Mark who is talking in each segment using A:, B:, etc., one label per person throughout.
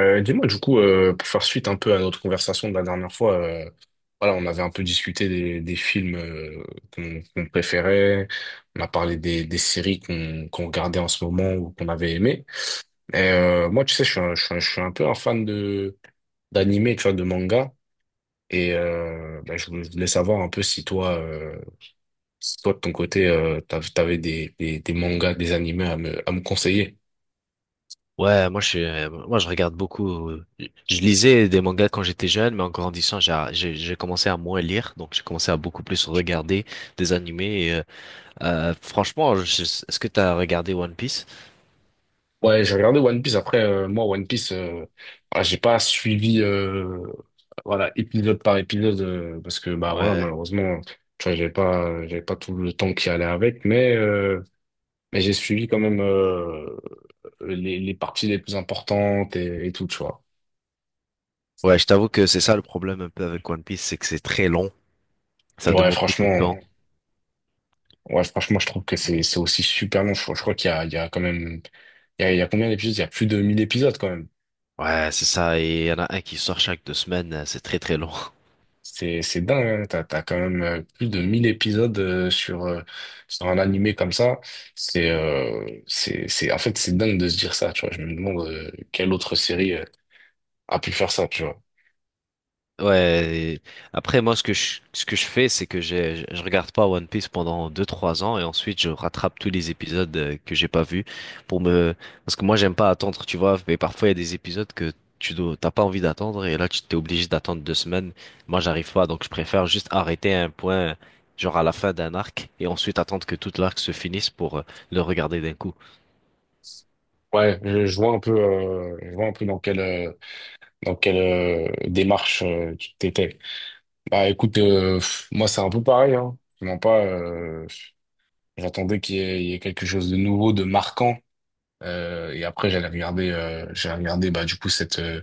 A: Dis-moi, du coup, pour faire suite un peu à notre conversation de la dernière fois, voilà, on avait un peu discuté des films qu'on préférait, on a parlé des séries qu'on regardait en ce moment ou qu'on avait aimé. Et moi, tu sais, je suis un peu un fan de d'animé, tu vois, de manga. Et bah, je voulais savoir un peu si toi, si toi de ton côté, t'avais des mangas, des animés à me conseiller.
B: Ouais, moi je suis, moi je regarde beaucoup. Je lisais des mangas quand j'étais jeune, mais en grandissant, j'ai commencé à moins lire, donc j'ai commencé à beaucoup plus regarder des animés. Franchement, est-ce que t'as regardé One Piece?
A: Ouais, j'ai regardé One Piece. Après, moi, One Piece, ah, j'ai pas suivi, voilà, épisode par épisode, parce que, bah, voilà,
B: Ouais,
A: malheureusement, tu vois, j'avais pas tout le temps qui allait avec, mais j'ai suivi quand même, les parties les plus importantes et tout, tu vois.
B: ouais, je t'avoue que c'est ça le problème un peu avec One Piece, c'est que c'est très long, ça
A: Ouais,
B: demande beaucoup de
A: franchement,
B: temps.
A: ouais, franchement, je trouve que c'est aussi super long. Je crois il y a quand même, il y a combien d'épisodes? Il y a plus de 1000 épisodes quand même.
B: Ouais, c'est ça, et il y en a un qui sort chaque deux semaines, c'est très très long.
A: C'est dingue, hein. T'as quand même plus de 1000 épisodes sur, sur un animé comme ça. C'est, en fait, c'est dingue de se dire ça, tu vois. Je me demande quelle autre série a pu faire ça, tu vois.
B: Ouais, et après moi ce que je fais c'est que je regarde pas One Piece pendant deux trois ans et ensuite je rattrape tous les épisodes que j'ai pas vus pour me parce que moi j'aime pas attendre, tu vois, mais parfois il y a des épisodes que tu dois t'as pas envie d'attendre et là tu t'es obligé d'attendre deux semaines. Moi j'arrive pas donc je préfère juste arrêter à un point genre à la fin d'un arc et ensuite attendre que tout l'arc se finisse pour le regarder d'un coup.
A: Ouais, je vois un peu, je vois un peu dans quelle démarche tu t'étais. Bah écoute, pff, moi c'est un peu pareil, hein. Vraiment pas, j'attendais qu'il y ait, il y ait quelque chose de nouveau, de marquant. Et après j'allais regarder bah du coup cette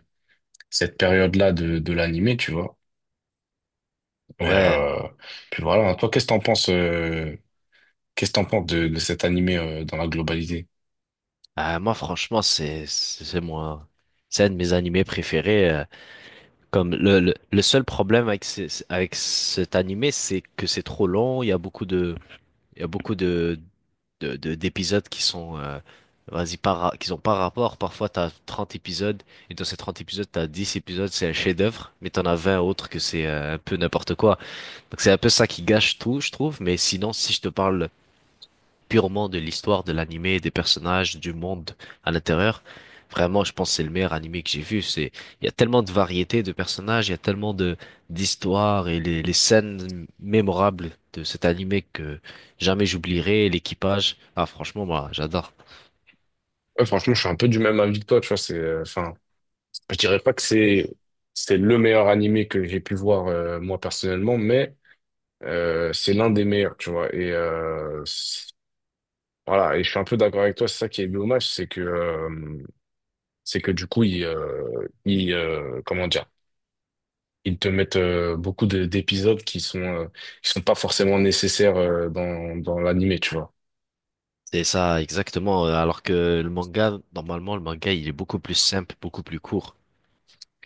A: cette période-là de l'animé, tu vois. Et,
B: Ouais,
A: euh, puis voilà, toi, qu'est-ce que t'en penses de cet animé, dans la globalité?
B: moi franchement c'est moi c'est un de mes animés préférés. Comme le seul problème avec, avec cet animé, c'est que c'est trop long. Il y a beaucoup de, il y a beaucoup de- d'épisodes qui sont, vas-y, pas, ra- qui ont pas rapport. Parfois, t'as 30 épisodes, et dans ces 30 épisodes, t'as 10 épisodes, c'est un chef-d'œuvre, mais t'en as 20 autres que c'est un peu n'importe quoi. Donc, c'est un peu ça qui gâche tout, je trouve. Mais sinon, si je te parle purement de l'histoire de l'animé, des personnages, du monde à l'intérieur. Vraiment, je pense que c'est le meilleur animé que j'ai vu. C'est, il y a tellement de variétés de personnages, il y a tellement de d'histoires et les scènes mémorables de cet animé que jamais j'oublierai. L'équipage, ah franchement, moi, j'adore.
A: Ouais, franchement, je suis un peu du même avis que toi, tu vois, enfin, je dirais pas que c'est le meilleur animé que j'ai pu voir, moi, personnellement, mais c'est l'un des meilleurs, tu vois. Et voilà, et je suis un peu d'accord avec toi, c'est ça qui est dommage, c'est que du coup, ils, ils comment dire, ils te mettent d'épisodes qui sont pas forcément nécessaires dans l'animé, tu vois.
B: C'est ça, exactement. Alors que le manga, normalement, le manga, il est beaucoup plus simple, beaucoup plus court.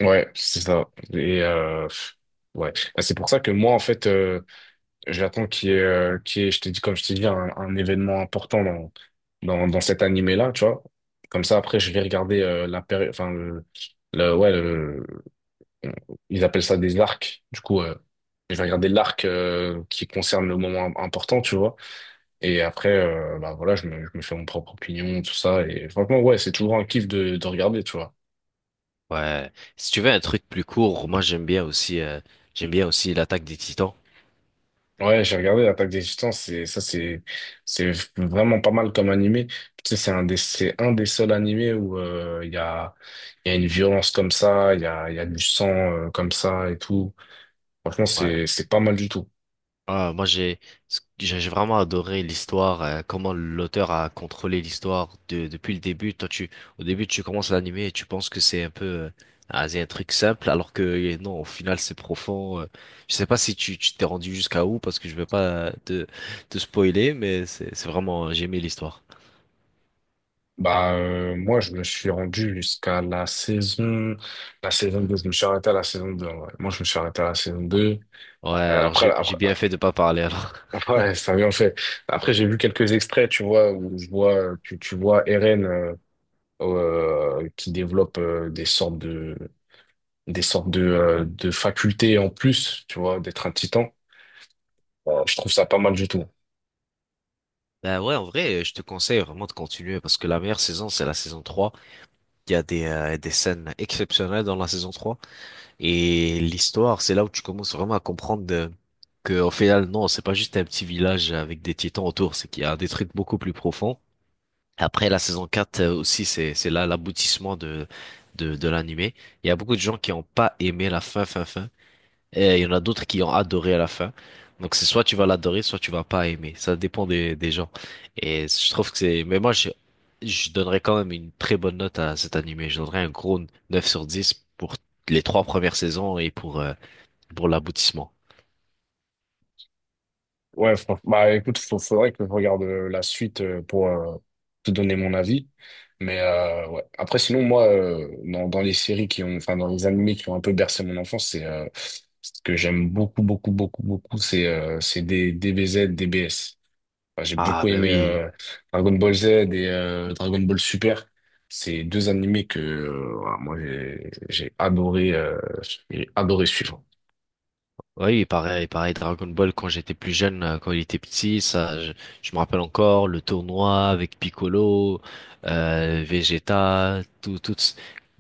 A: Ouais, c'est ça. Et ouais, bah, c'est pour ça que moi, en fait, j'attends qu'il y ait, comme je t'ai dit, un événement important dans cet animé-là, tu vois. Comme ça, après, je vais regarder enfin, ouais, ils appellent ça des arcs. Du coup, je vais regarder l'arc qui concerne le moment important, tu vois. Et après, bah voilà, je me fais mon propre opinion, tout ça. Et franchement, ouais, c'est toujours un kiff de regarder, tu vois.
B: Ouais. Si tu veux un truc plus court, moi j'aime bien aussi l'attaque des Titans.
A: Ouais, j'ai regardé l'Attaque des Titans, c'est ça c'est vraiment pas mal comme animé. Tu sais, c'est un des seuls animés où il y a une violence comme ça, il y a du sang comme ça et tout. Franchement,
B: Ouais.
A: c'est pas mal du tout.
B: Ah, moi, j'ai vraiment adoré l'histoire, comment l'auteur a contrôlé l'histoire de, depuis le début. Toi, au début, tu commences l'anime et tu penses que c'est un peu, ah, c'est un truc simple, alors que non, au final, c'est profond. Je sais pas si tu t'es rendu jusqu'à où, parce que je vais pas te spoiler, mais c'est vraiment, j'ai aimé l'histoire.
A: Bah moi je me suis rendu jusqu'à la saison 2. Je me suis arrêté à la saison 2, en vrai. Moi je me suis arrêté à la saison 2.
B: Ouais,
A: Euh,
B: alors
A: après
B: j'ai
A: après
B: bien fait de pas parler alors.
A: après ça vient en fait. Après j'ai vu quelques extraits, tu vois, où je vois tu vois Eren qui développe des sortes de facultés en plus, tu vois, d'être un titan. Je trouve ça pas mal du tout.
B: Bah ouais, en vrai, je te conseille vraiment de continuer parce que la meilleure saison, c'est la saison trois. Il y a des scènes exceptionnelles dans la saison trois. Et l'histoire, c'est là où tu commences vraiment à comprendre que, au final, non, c'est pas juste un petit village avec des titans autour, c'est qu'il y a des trucs beaucoup plus profonds. Après, la saison 4 aussi, c'est là l'aboutissement de l'animé. Il y a beaucoup de gens qui n'ont pas aimé la fin. Et il y en a d'autres qui ont adoré à la fin. Donc c'est soit tu vas l'adorer, soit tu vas pas aimer. Ça dépend des gens. Et je trouve que c'est... Mais moi, je donnerais quand même une très bonne note à cet animé. Je donnerais un gros 9 sur 10 pour les trois premières saisons et pour l'aboutissement.
A: Ouais, bah écoute, faudrait que je regarde la suite pour te donner mon avis. Mais ouais. Après, sinon, moi, dans les séries qui ont, enfin, dans les animés qui ont un peu bercé mon enfance, c'est ce que j'aime beaucoup, beaucoup, beaucoup, beaucoup, c'est des DBZ, DBS. Enfin, j'ai
B: Ah
A: beaucoup
B: ben
A: aimé
B: oui.
A: Dragon Ball Z et Dragon Ball Super. C'est deux animés que voilà, moi j'ai adoré suivre.
B: Oui, pareil, pareil, Dragon Ball, quand j'étais plus jeune, quand il était petit, ça, je me rappelle encore le tournoi avec Piccolo, Vegeta, tout, tout,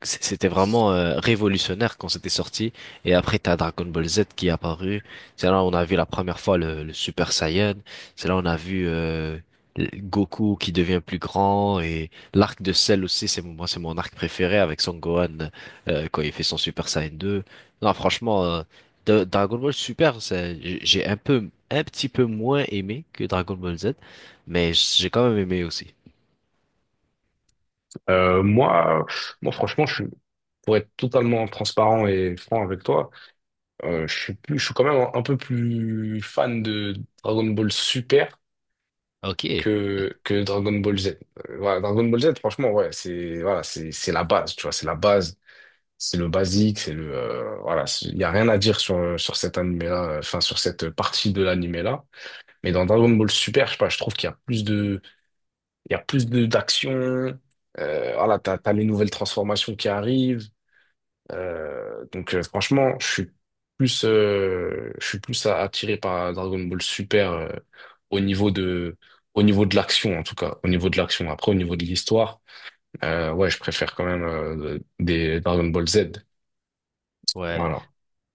B: c'était vraiment révolutionnaire quand c'était sorti. Et après, t'as Dragon Ball Z qui est apparu. C'est là où on a vu la première fois le Super Saiyan. C'est là où on a vu Goku qui devient plus grand et l'arc de Cell aussi, moi, c'est mon arc préféré avec Son Gohan quand il fait son Super Saiyan 2. Non, franchement. Dragon Ball Super, c'est- j'ai un peu, un petit peu moins aimé que Dragon Ball Z, mais j'ai quand même aimé aussi.
A: Moi moi franchement je suis, pour être totalement transparent et franc avec toi, je suis plus, je suis quand même un peu plus fan de Dragon Ball Super
B: Ok,
A: que Dragon Ball Z. Voilà, Dragon Ball Z franchement ouais, c'est c'est la base, tu vois, c'est la base. C'est le basique, c'est le voilà, il y a rien à dire sur cet animé-là, enfin sur cette partie de l'animé-là. Mais dans Dragon Ball Super, je sais pas, je trouve qu'il y a plus de, d'action. Voilà, t'as les nouvelles transformations qui arrivent. Donc franchement, je suis plus attiré par Dragon Ball Super au niveau de au niveau de l'action en tout cas, au niveau de l'action. Après au niveau de l'histoire, ouais, je préfère quand même des Dragon Ball Z.
B: ouais.
A: Voilà.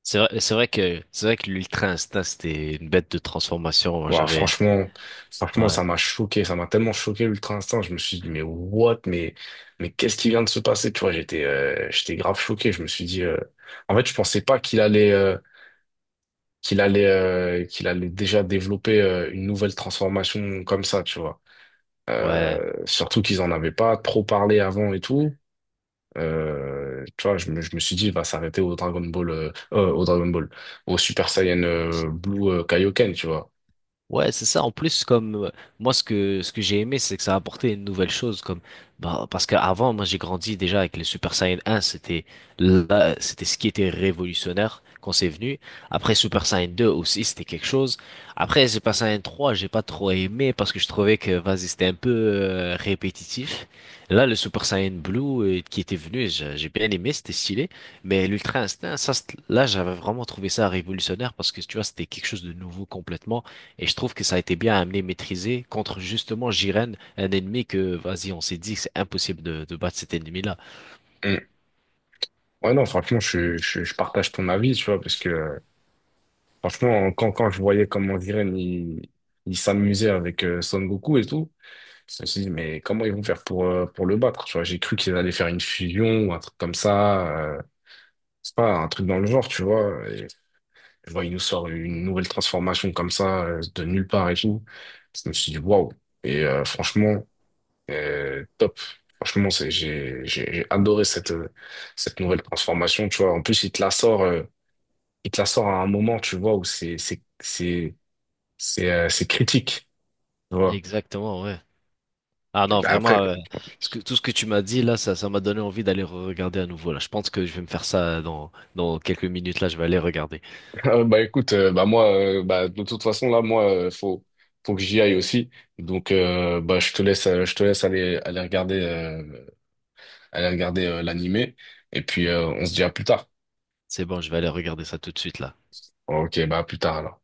B: C'est vrai, c'est vrai que l'Ultra Instinct c'était une bête de transformation.
A: Ouah,
B: J'avais,
A: franchement, franchement,
B: ouais,
A: ça m'a choqué, ça m'a tellement choqué l'Ultra Instinct. Je me suis dit, mais what, mais qu'est-ce qui vient de se passer? Tu vois, j'étais grave choqué. Je me suis dit, en fait, je pensais pas qu'il allait déjà développer une nouvelle transformation comme ça, tu vois.
B: ouais.
A: Surtout qu'ils en avaient pas trop parlé avant et tout. Tu vois, je me suis dit, il va s'arrêter au au Dragon Ball, au Super Saiyan Blue Kaioken, tu vois.
B: Ouais, c'est ça. En plus, comme moi, ce que j'ai aimé, c'est que ça a apporté une nouvelle chose, comme bah, parce qu'avant, moi, j'ai grandi déjà avec les Super Saiyan 1, c'était là, c'était ce qui était révolutionnaire quand c'est venu. Après, Super Saiyan 2 aussi, c'était quelque chose. Après, Super Saiyan 3, j'ai pas trop aimé parce que je trouvais que vas-y, c'était un peu répétitif. Là, le Super Saiyan Blue qui était venu, j'ai bien aimé, c'était stylé. Mais l'Ultra Instinct, ça, là, j'avais vraiment trouvé ça révolutionnaire parce que tu vois, c'était quelque chose de nouveau complètement. Et je trouve que ça a été bien amené, maîtrisé contre justement Jiren, un ennemi que, vas-y, on s'est dit que c'est impossible de battre cet ennemi-là.
A: Mm. Ouais, non, franchement, je partage ton avis, tu vois, parce que franchement, quand je voyais comment Jiren, il s'amusait avec Son Goku et tout, je me suis dit, mais comment ils vont faire pour le battre, tu vois, j'ai cru qu'ils allaient faire une fusion ou un truc comme ça, c'est pas, un truc dans le genre, tu vois, et je vois, il nous sort une nouvelle transformation comme ça, de nulle part et tout, je me suis dit, waouh, et franchement, top. Franchement, c'est, j'ai adoré cette, cette nouvelle transformation, tu vois. En plus, il te la sort à un moment, tu vois, où c'est critique, tu vois.
B: Exactement, ouais. Ah non,
A: Bah, après,
B: vraiment, ce que, tout ce que tu m'as dit là, ça m'a donné envie d'aller regarder à nouveau là. Je pense que je vais me faire ça dans, dans quelques minutes là, je vais aller regarder.
A: bah écoute, bah moi, bah de toute façon là, moi, faut que j'y aille aussi. Donc bah je te laisse aller regarder l'animé et puis on se dit à plus tard.
B: C'est bon, je vais aller regarder ça tout de suite là.
A: Ok, bah à plus tard alors.